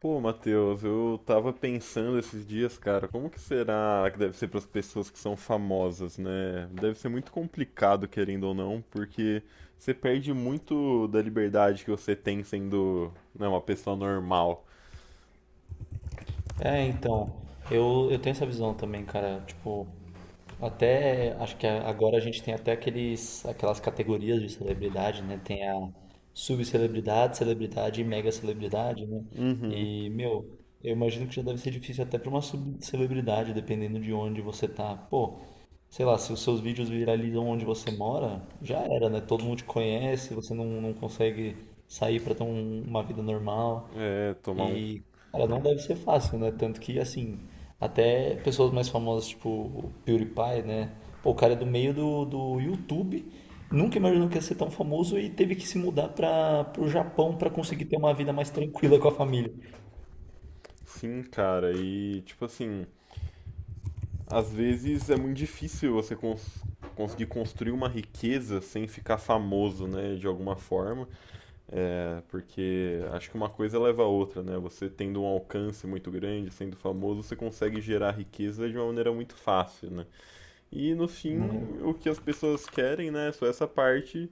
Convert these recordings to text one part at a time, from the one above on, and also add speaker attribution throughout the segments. Speaker 1: Pô, Matheus, eu tava pensando esses dias, cara, como que será que deve ser para as pessoas que são famosas, né? Deve ser muito complicado, querendo ou não, porque você perde muito da liberdade que você tem sendo, né, uma pessoa normal.
Speaker 2: É, então, eu tenho essa visão também, cara. Tipo, até acho que agora a gente tem até aquelas categorias de celebridade, né? Tem a subcelebridade, celebridade e mega celebridade, né? E, meu, eu imagino que já deve ser difícil até para uma subcelebridade, dependendo de onde você tá. Pô, sei lá, se os seus vídeos viralizam onde você mora, já era, né? Todo mundo te conhece, você não consegue sair para ter uma vida normal.
Speaker 1: É, tomar um
Speaker 2: E, cara, não deve ser fácil, né? Tanto que, assim, até pessoas mais famosas, tipo o PewDiePie, né? Pô, o cara é do meio do YouTube, nunca imaginou que ia ser tão famoso e teve que se mudar para pro Japão para conseguir ter uma vida mais tranquila com a família.
Speaker 1: sim, cara, e tipo assim, às vezes é muito difícil você conseguir construir uma riqueza sem ficar famoso, né, de alguma forma. É, porque acho que uma coisa leva a outra, né? Você tendo um alcance muito grande, sendo famoso, você consegue gerar riqueza de uma maneira muito fácil, né? E no
Speaker 2: Né?
Speaker 1: fim, o que as pessoas querem, né, é só essa parte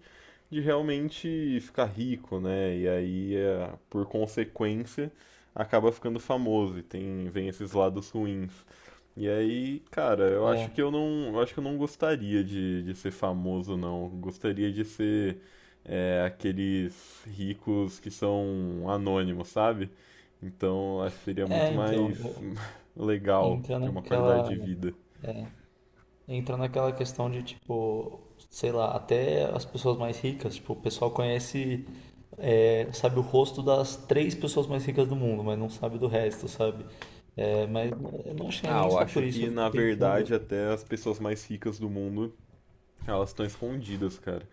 Speaker 1: de realmente ficar rico, né? E aí, é, por consequência, acaba ficando famoso e tem vem esses lados ruins. E aí, cara,
Speaker 2: É,
Speaker 1: eu acho que eu não gostaria de ser famoso, não. Gostaria de ser é, aqueles ricos que são anônimos, sabe? Então, acho que seria muito
Speaker 2: então,
Speaker 1: mais legal
Speaker 2: entra
Speaker 1: ter uma qualidade
Speaker 2: naquela,
Speaker 1: de vida.
Speaker 2: entra naquela questão de, tipo, sei lá, até as pessoas mais ricas, tipo, o pessoal conhece sabe o rosto das três pessoas mais ricas do mundo, mas não sabe do resto, sabe? É, mas eu não achei
Speaker 1: Ah,
Speaker 2: nem
Speaker 1: eu
Speaker 2: só
Speaker 1: acho
Speaker 2: por isso, eu
Speaker 1: que
Speaker 2: fico
Speaker 1: na verdade
Speaker 2: pensando,
Speaker 1: até as pessoas mais ricas do mundo, elas estão escondidas, cara.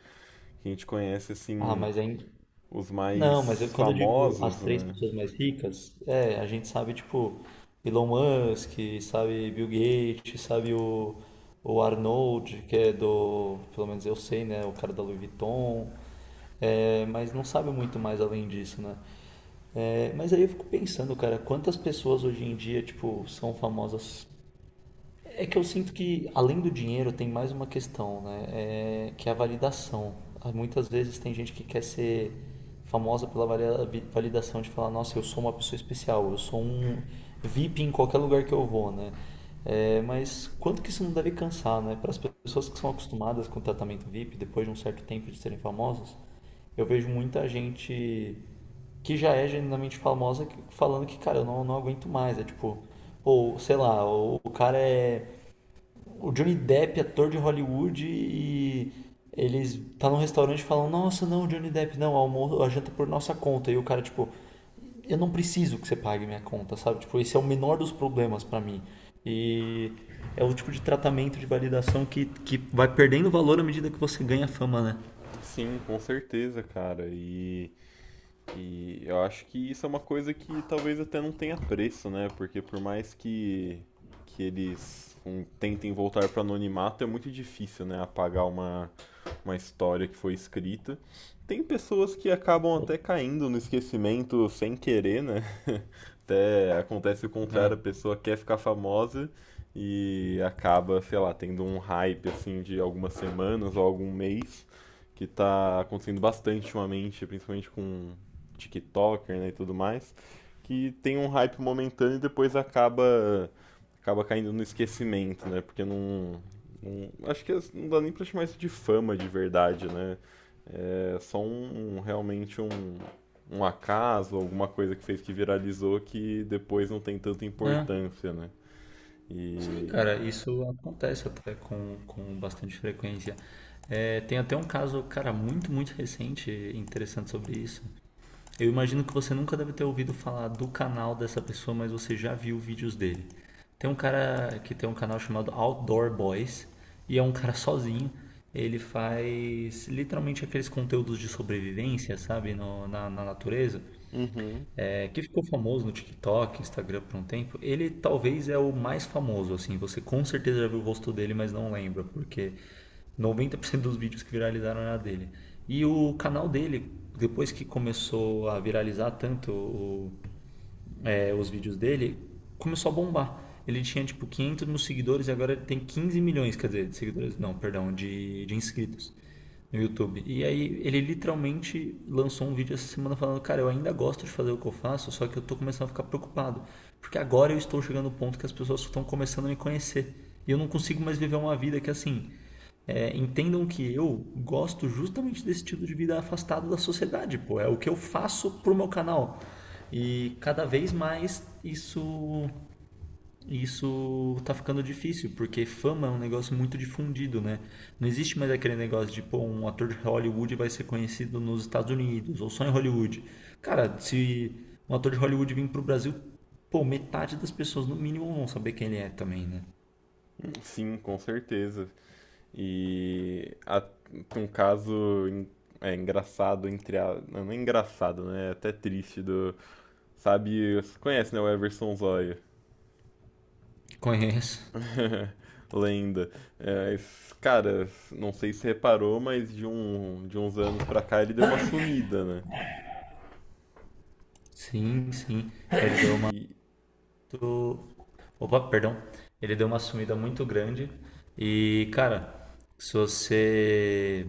Speaker 1: A gente conhece
Speaker 2: ah,
Speaker 1: assim
Speaker 2: mas aí.
Speaker 1: os
Speaker 2: Não, mas
Speaker 1: mais
Speaker 2: quando eu digo as
Speaker 1: famosos,
Speaker 2: três
Speaker 1: né?
Speaker 2: pessoas mais ricas, é, a gente sabe, tipo, Elon Musk, sabe Bill Gates, sabe o Arnold, que é do, pelo menos eu sei, né, o cara da Louis Vuitton, é, mas não sabe muito mais além disso, né? É, mas aí eu fico pensando, cara, quantas pessoas hoje em dia, tipo, são famosas. É que eu sinto que, além do dinheiro, tem mais uma questão, né? É, que é a validação. Muitas vezes tem gente que quer ser famosa pela validação de falar, nossa, eu sou uma pessoa especial, eu sou um VIP em qualquer lugar que eu vou, né? É, mas quanto que isso não deve cansar, né? Para as pessoas que são acostumadas com o tratamento VIP, depois de um certo tempo de serem famosas, eu vejo muita gente que já é genuinamente famosa falando que, cara, eu não aguento mais. É tipo, ou sei lá, o cara é o Johnny Depp, ator de Hollywood, e eles tá num restaurante e falam, nossa, não, Johnny Depp, não, almoço, a janta é por nossa conta. E o cara, tipo, eu não preciso que você pague minha conta, sabe? Tipo, esse é o menor dos problemas pra mim. E é o tipo de tratamento de validação que vai perdendo valor à medida que você ganha fama, né?
Speaker 1: Sim, com certeza, cara. E eu acho que isso é uma coisa que talvez até não tenha preço, né? Porque por mais que eles um, tentem voltar para o anonimato, é muito difícil, né? Apagar uma história que foi escrita. Tem pessoas que acabam até caindo no esquecimento sem querer, né? Até acontece o
Speaker 2: Ah,
Speaker 1: contrário, a pessoa quer ficar famosa e acaba, sei lá, tendo um hype assim de algumas semanas ou algum mês, que tá acontecendo bastante ultimamente, principalmente com TikToker né, e tudo mais, que tem um hype momentâneo e depois acaba caindo no esquecimento, né? Porque não, não- Acho que não dá nem pra chamar isso de fama de verdade, né? É só realmente um acaso, alguma coisa que fez que viralizou que depois não tem tanta
Speaker 2: ah,
Speaker 1: importância, né?
Speaker 2: sim,
Speaker 1: E.
Speaker 2: cara, isso acontece até com bastante frequência. É, tem até um caso, cara, muito recente, interessante sobre isso. Eu imagino que você nunca deve ter ouvido falar do canal dessa pessoa, mas você já viu vídeos dele. Tem um cara que tem um canal chamado Outdoor Boys e é um cara sozinho. Ele faz literalmente aqueles conteúdos de sobrevivência, sabe, na natureza
Speaker 1: Uhum.
Speaker 2: é, que ficou famoso no TikTok, Instagram por um tempo, ele talvez é o mais famoso, assim, você com certeza já viu o rosto dele, mas não lembra, porque 90% dos vídeos que viralizaram era dele. E o canal dele, depois que começou a viralizar tanto os vídeos dele, começou a bombar. Ele tinha tipo 500 mil seguidores e agora ele tem 15 milhões, quer dizer, de seguidores, não, perdão, de inscritos no YouTube. E aí ele literalmente lançou um vídeo essa semana falando, cara, eu ainda gosto de fazer o que eu faço, só que eu tô começando a ficar preocupado, porque agora eu estou chegando no ponto que as pessoas estão começando a me conhecer. E eu não consigo mais viver uma vida que assim, é, entendam que eu gosto justamente desse estilo de vida afastado da sociedade, pô. É o que eu faço pro meu canal. E cada vez mais isso tá ficando difícil, porque fama é um negócio muito difundido, né? Não existe mais aquele negócio de, pô, um ator de Hollywood vai ser conhecido nos Estados Unidos, ou só em Hollywood. Cara, se um ator de Hollywood vir pro Brasil, pô, metade das pessoas no mínimo vão saber quem ele é também, né?
Speaker 1: Sim, com certeza. E um caso é, engraçado, não, não é engraçado, né? É até triste do. Sabe, você conhece, né? O Everson Zóia.
Speaker 2: Conheço.
Speaker 1: Lenda. É, esse cara, não sei se reparou, mas de uns anos pra cá ele deu uma sumida, né?
Speaker 2: Sim, sim. Ele deu uma
Speaker 1: E.
Speaker 2: muito. Opa, perdão. Ele deu uma sumida muito grande. E, cara, se você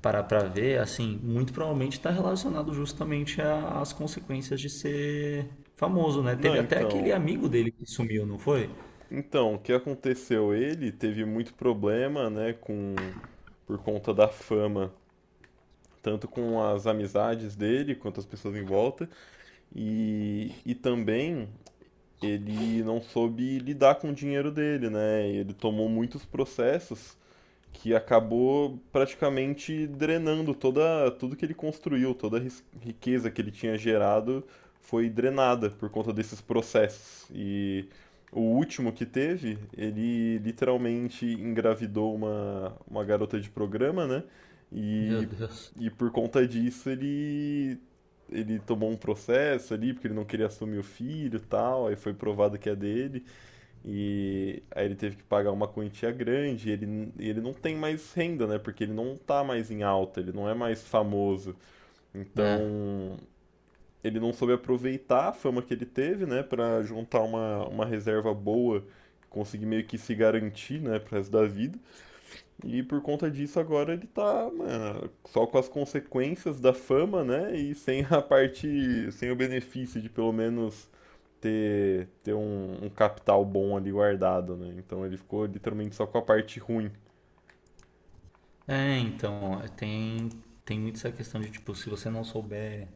Speaker 2: parar pra ver, assim, muito provavelmente tá relacionado justamente às consequências de ser famoso, né?
Speaker 1: Não,
Speaker 2: Teve até aquele
Speaker 1: então.
Speaker 2: amigo dele que sumiu, não foi?
Speaker 1: Então, o que aconteceu? Ele teve muito problema, né? Com, por conta da fama, tanto com as amizades dele quanto as pessoas em volta. E também ele não soube lidar com o dinheiro dele, né? Ele tomou muitos processos que acabou praticamente drenando toda, tudo que ele construiu, toda a riqueza que ele tinha gerado foi drenada por conta desses processos. E o último que teve, ele literalmente engravidou uma garota de programa, né?
Speaker 2: Meu
Speaker 1: E,
Speaker 2: Deus.
Speaker 1: e por conta disso ele tomou um processo ali, porque ele não queria assumir o filho e tal, aí foi provado que é dele. E aí ele teve que pagar uma quantia grande, e ele não tem mais renda, né? Porque ele não tá mais em alta, ele não é mais famoso.
Speaker 2: É.
Speaker 1: Então, ele não soube aproveitar a fama que ele teve, né? Pra juntar uma reserva boa, conseguir meio que se garantir, né? Pro resto da vida. E por conta disso agora ele tá, mano, só com as consequências da fama, né? E sem a parte, sem o benefício de pelo menos ter um capital bom ali guardado, né? Então ele ficou literalmente só com a parte ruim.
Speaker 2: É, então, tem, tem muito essa questão de, tipo, se você não souber.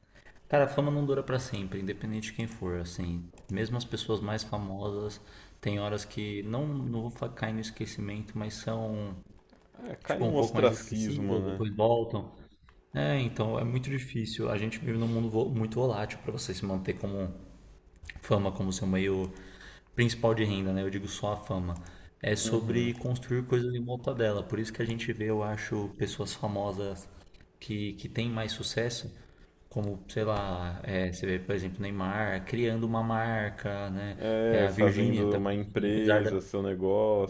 Speaker 2: Cara, a fama não dura pra sempre, independente de quem for, assim. Mesmo as pessoas mais famosas têm horas que não, cair no esquecimento, mas são,
Speaker 1: É, cai
Speaker 2: tipo, um
Speaker 1: num
Speaker 2: pouco mais
Speaker 1: ostracismo,
Speaker 2: esquecidas,
Speaker 1: né?
Speaker 2: depois voltam. É, então é muito difícil. A gente vive num mundo muito volátil pra você se manter como fama, como seu meio principal de renda, né? Eu digo só a fama. É
Speaker 1: Uhum.
Speaker 2: sobre construir coisas em volta dela. Por isso que a gente vê, eu acho, pessoas famosas que tem mais sucesso, como, sei lá, é, você vê, por exemplo, Neymar criando uma marca, né? É,
Speaker 1: É,
Speaker 2: a Virgínia
Speaker 1: fazendo
Speaker 2: também,
Speaker 1: uma
Speaker 2: apesar
Speaker 1: empresa, seu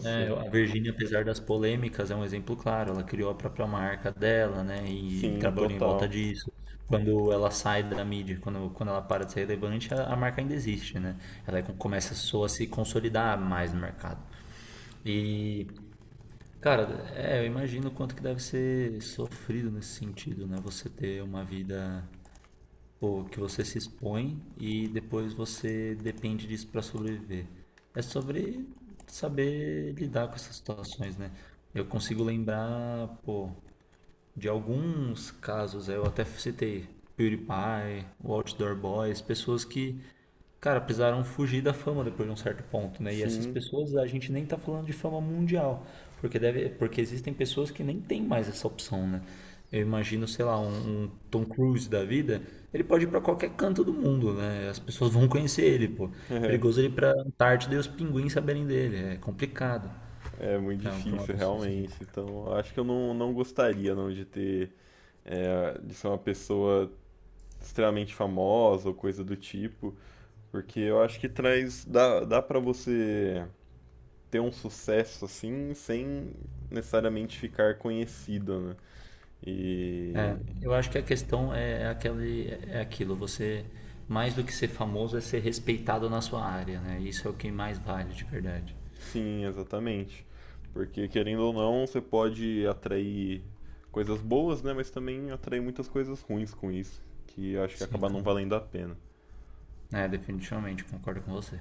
Speaker 2: né, a Virgínia, apesar das polêmicas, é um exemplo claro. Ela criou a própria marca dela, né? E
Speaker 1: Sim,
Speaker 2: trabalhou em volta
Speaker 1: total.
Speaker 2: disso. Quando ela sai da mídia, quando ela para de ser relevante, a marca ainda existe, né? Ela é começa só a se consolidar mais no mercado. E, cara, é, eu imagino o quanto que deve ser sofrido nesse sentido, né? Você ter uma vida, pô, que você se expõe e depois você depende disso para sobreviver. É sobre saber lidar com essas situações, né? Eu consigo lembrar, pô, de alguns casos, eu até citei PewDiePie, o Outdoor Boys, pessoas que. Cara, precisaram fugir da fama depois de um certo ponto, né? E essas
Speaker 1: Sim,
Speaker 2: pessoas, a gente nem tá falando de fama mundial, porque deve, porque existem pessoas que nem têm mais essa opção, né? Eu imagino, sei lá, um Tom Cruise da vida, ele pode ir pra qualquer canto do mundo, né? As pessoas vão conhecer ele, pô.
Speaker 1: é,
Speaker 2: Perigoso ele ir pra Antártida e os pinguins saberem dele, é complicado
Speaker 1: é muito
Speaker 2: pra uma
Speaker 1: difícil,
Speaker 2: pessoa assim.
Speaker 1: realmente. Então, eu acho que eu não, não gostaria, não, de ter, é, de ser uma pessoa extremamente famosa ou coisa do tipo, porque eu acho que dá para você ter um sucesso assim, sem necessariamente ficar conhecido, né? E
Speaker 2: Eu acho que a questão é aquele, é aquilo, você, mais do que ser famoso, é ser respeitado na sua área, né? Isso é o que mais vale, de verdade.
Speaker 1: sim, exatamente. Porque querendo ou não, você pode atrair coisas boas, né? Mas também atrair muitas coisas ruins com isso, que eu acho que
Speaker 2: Sim.
Speaker 1: acaba não valendo a pena.
Speaker 2: É, definitivamente, concordo com você.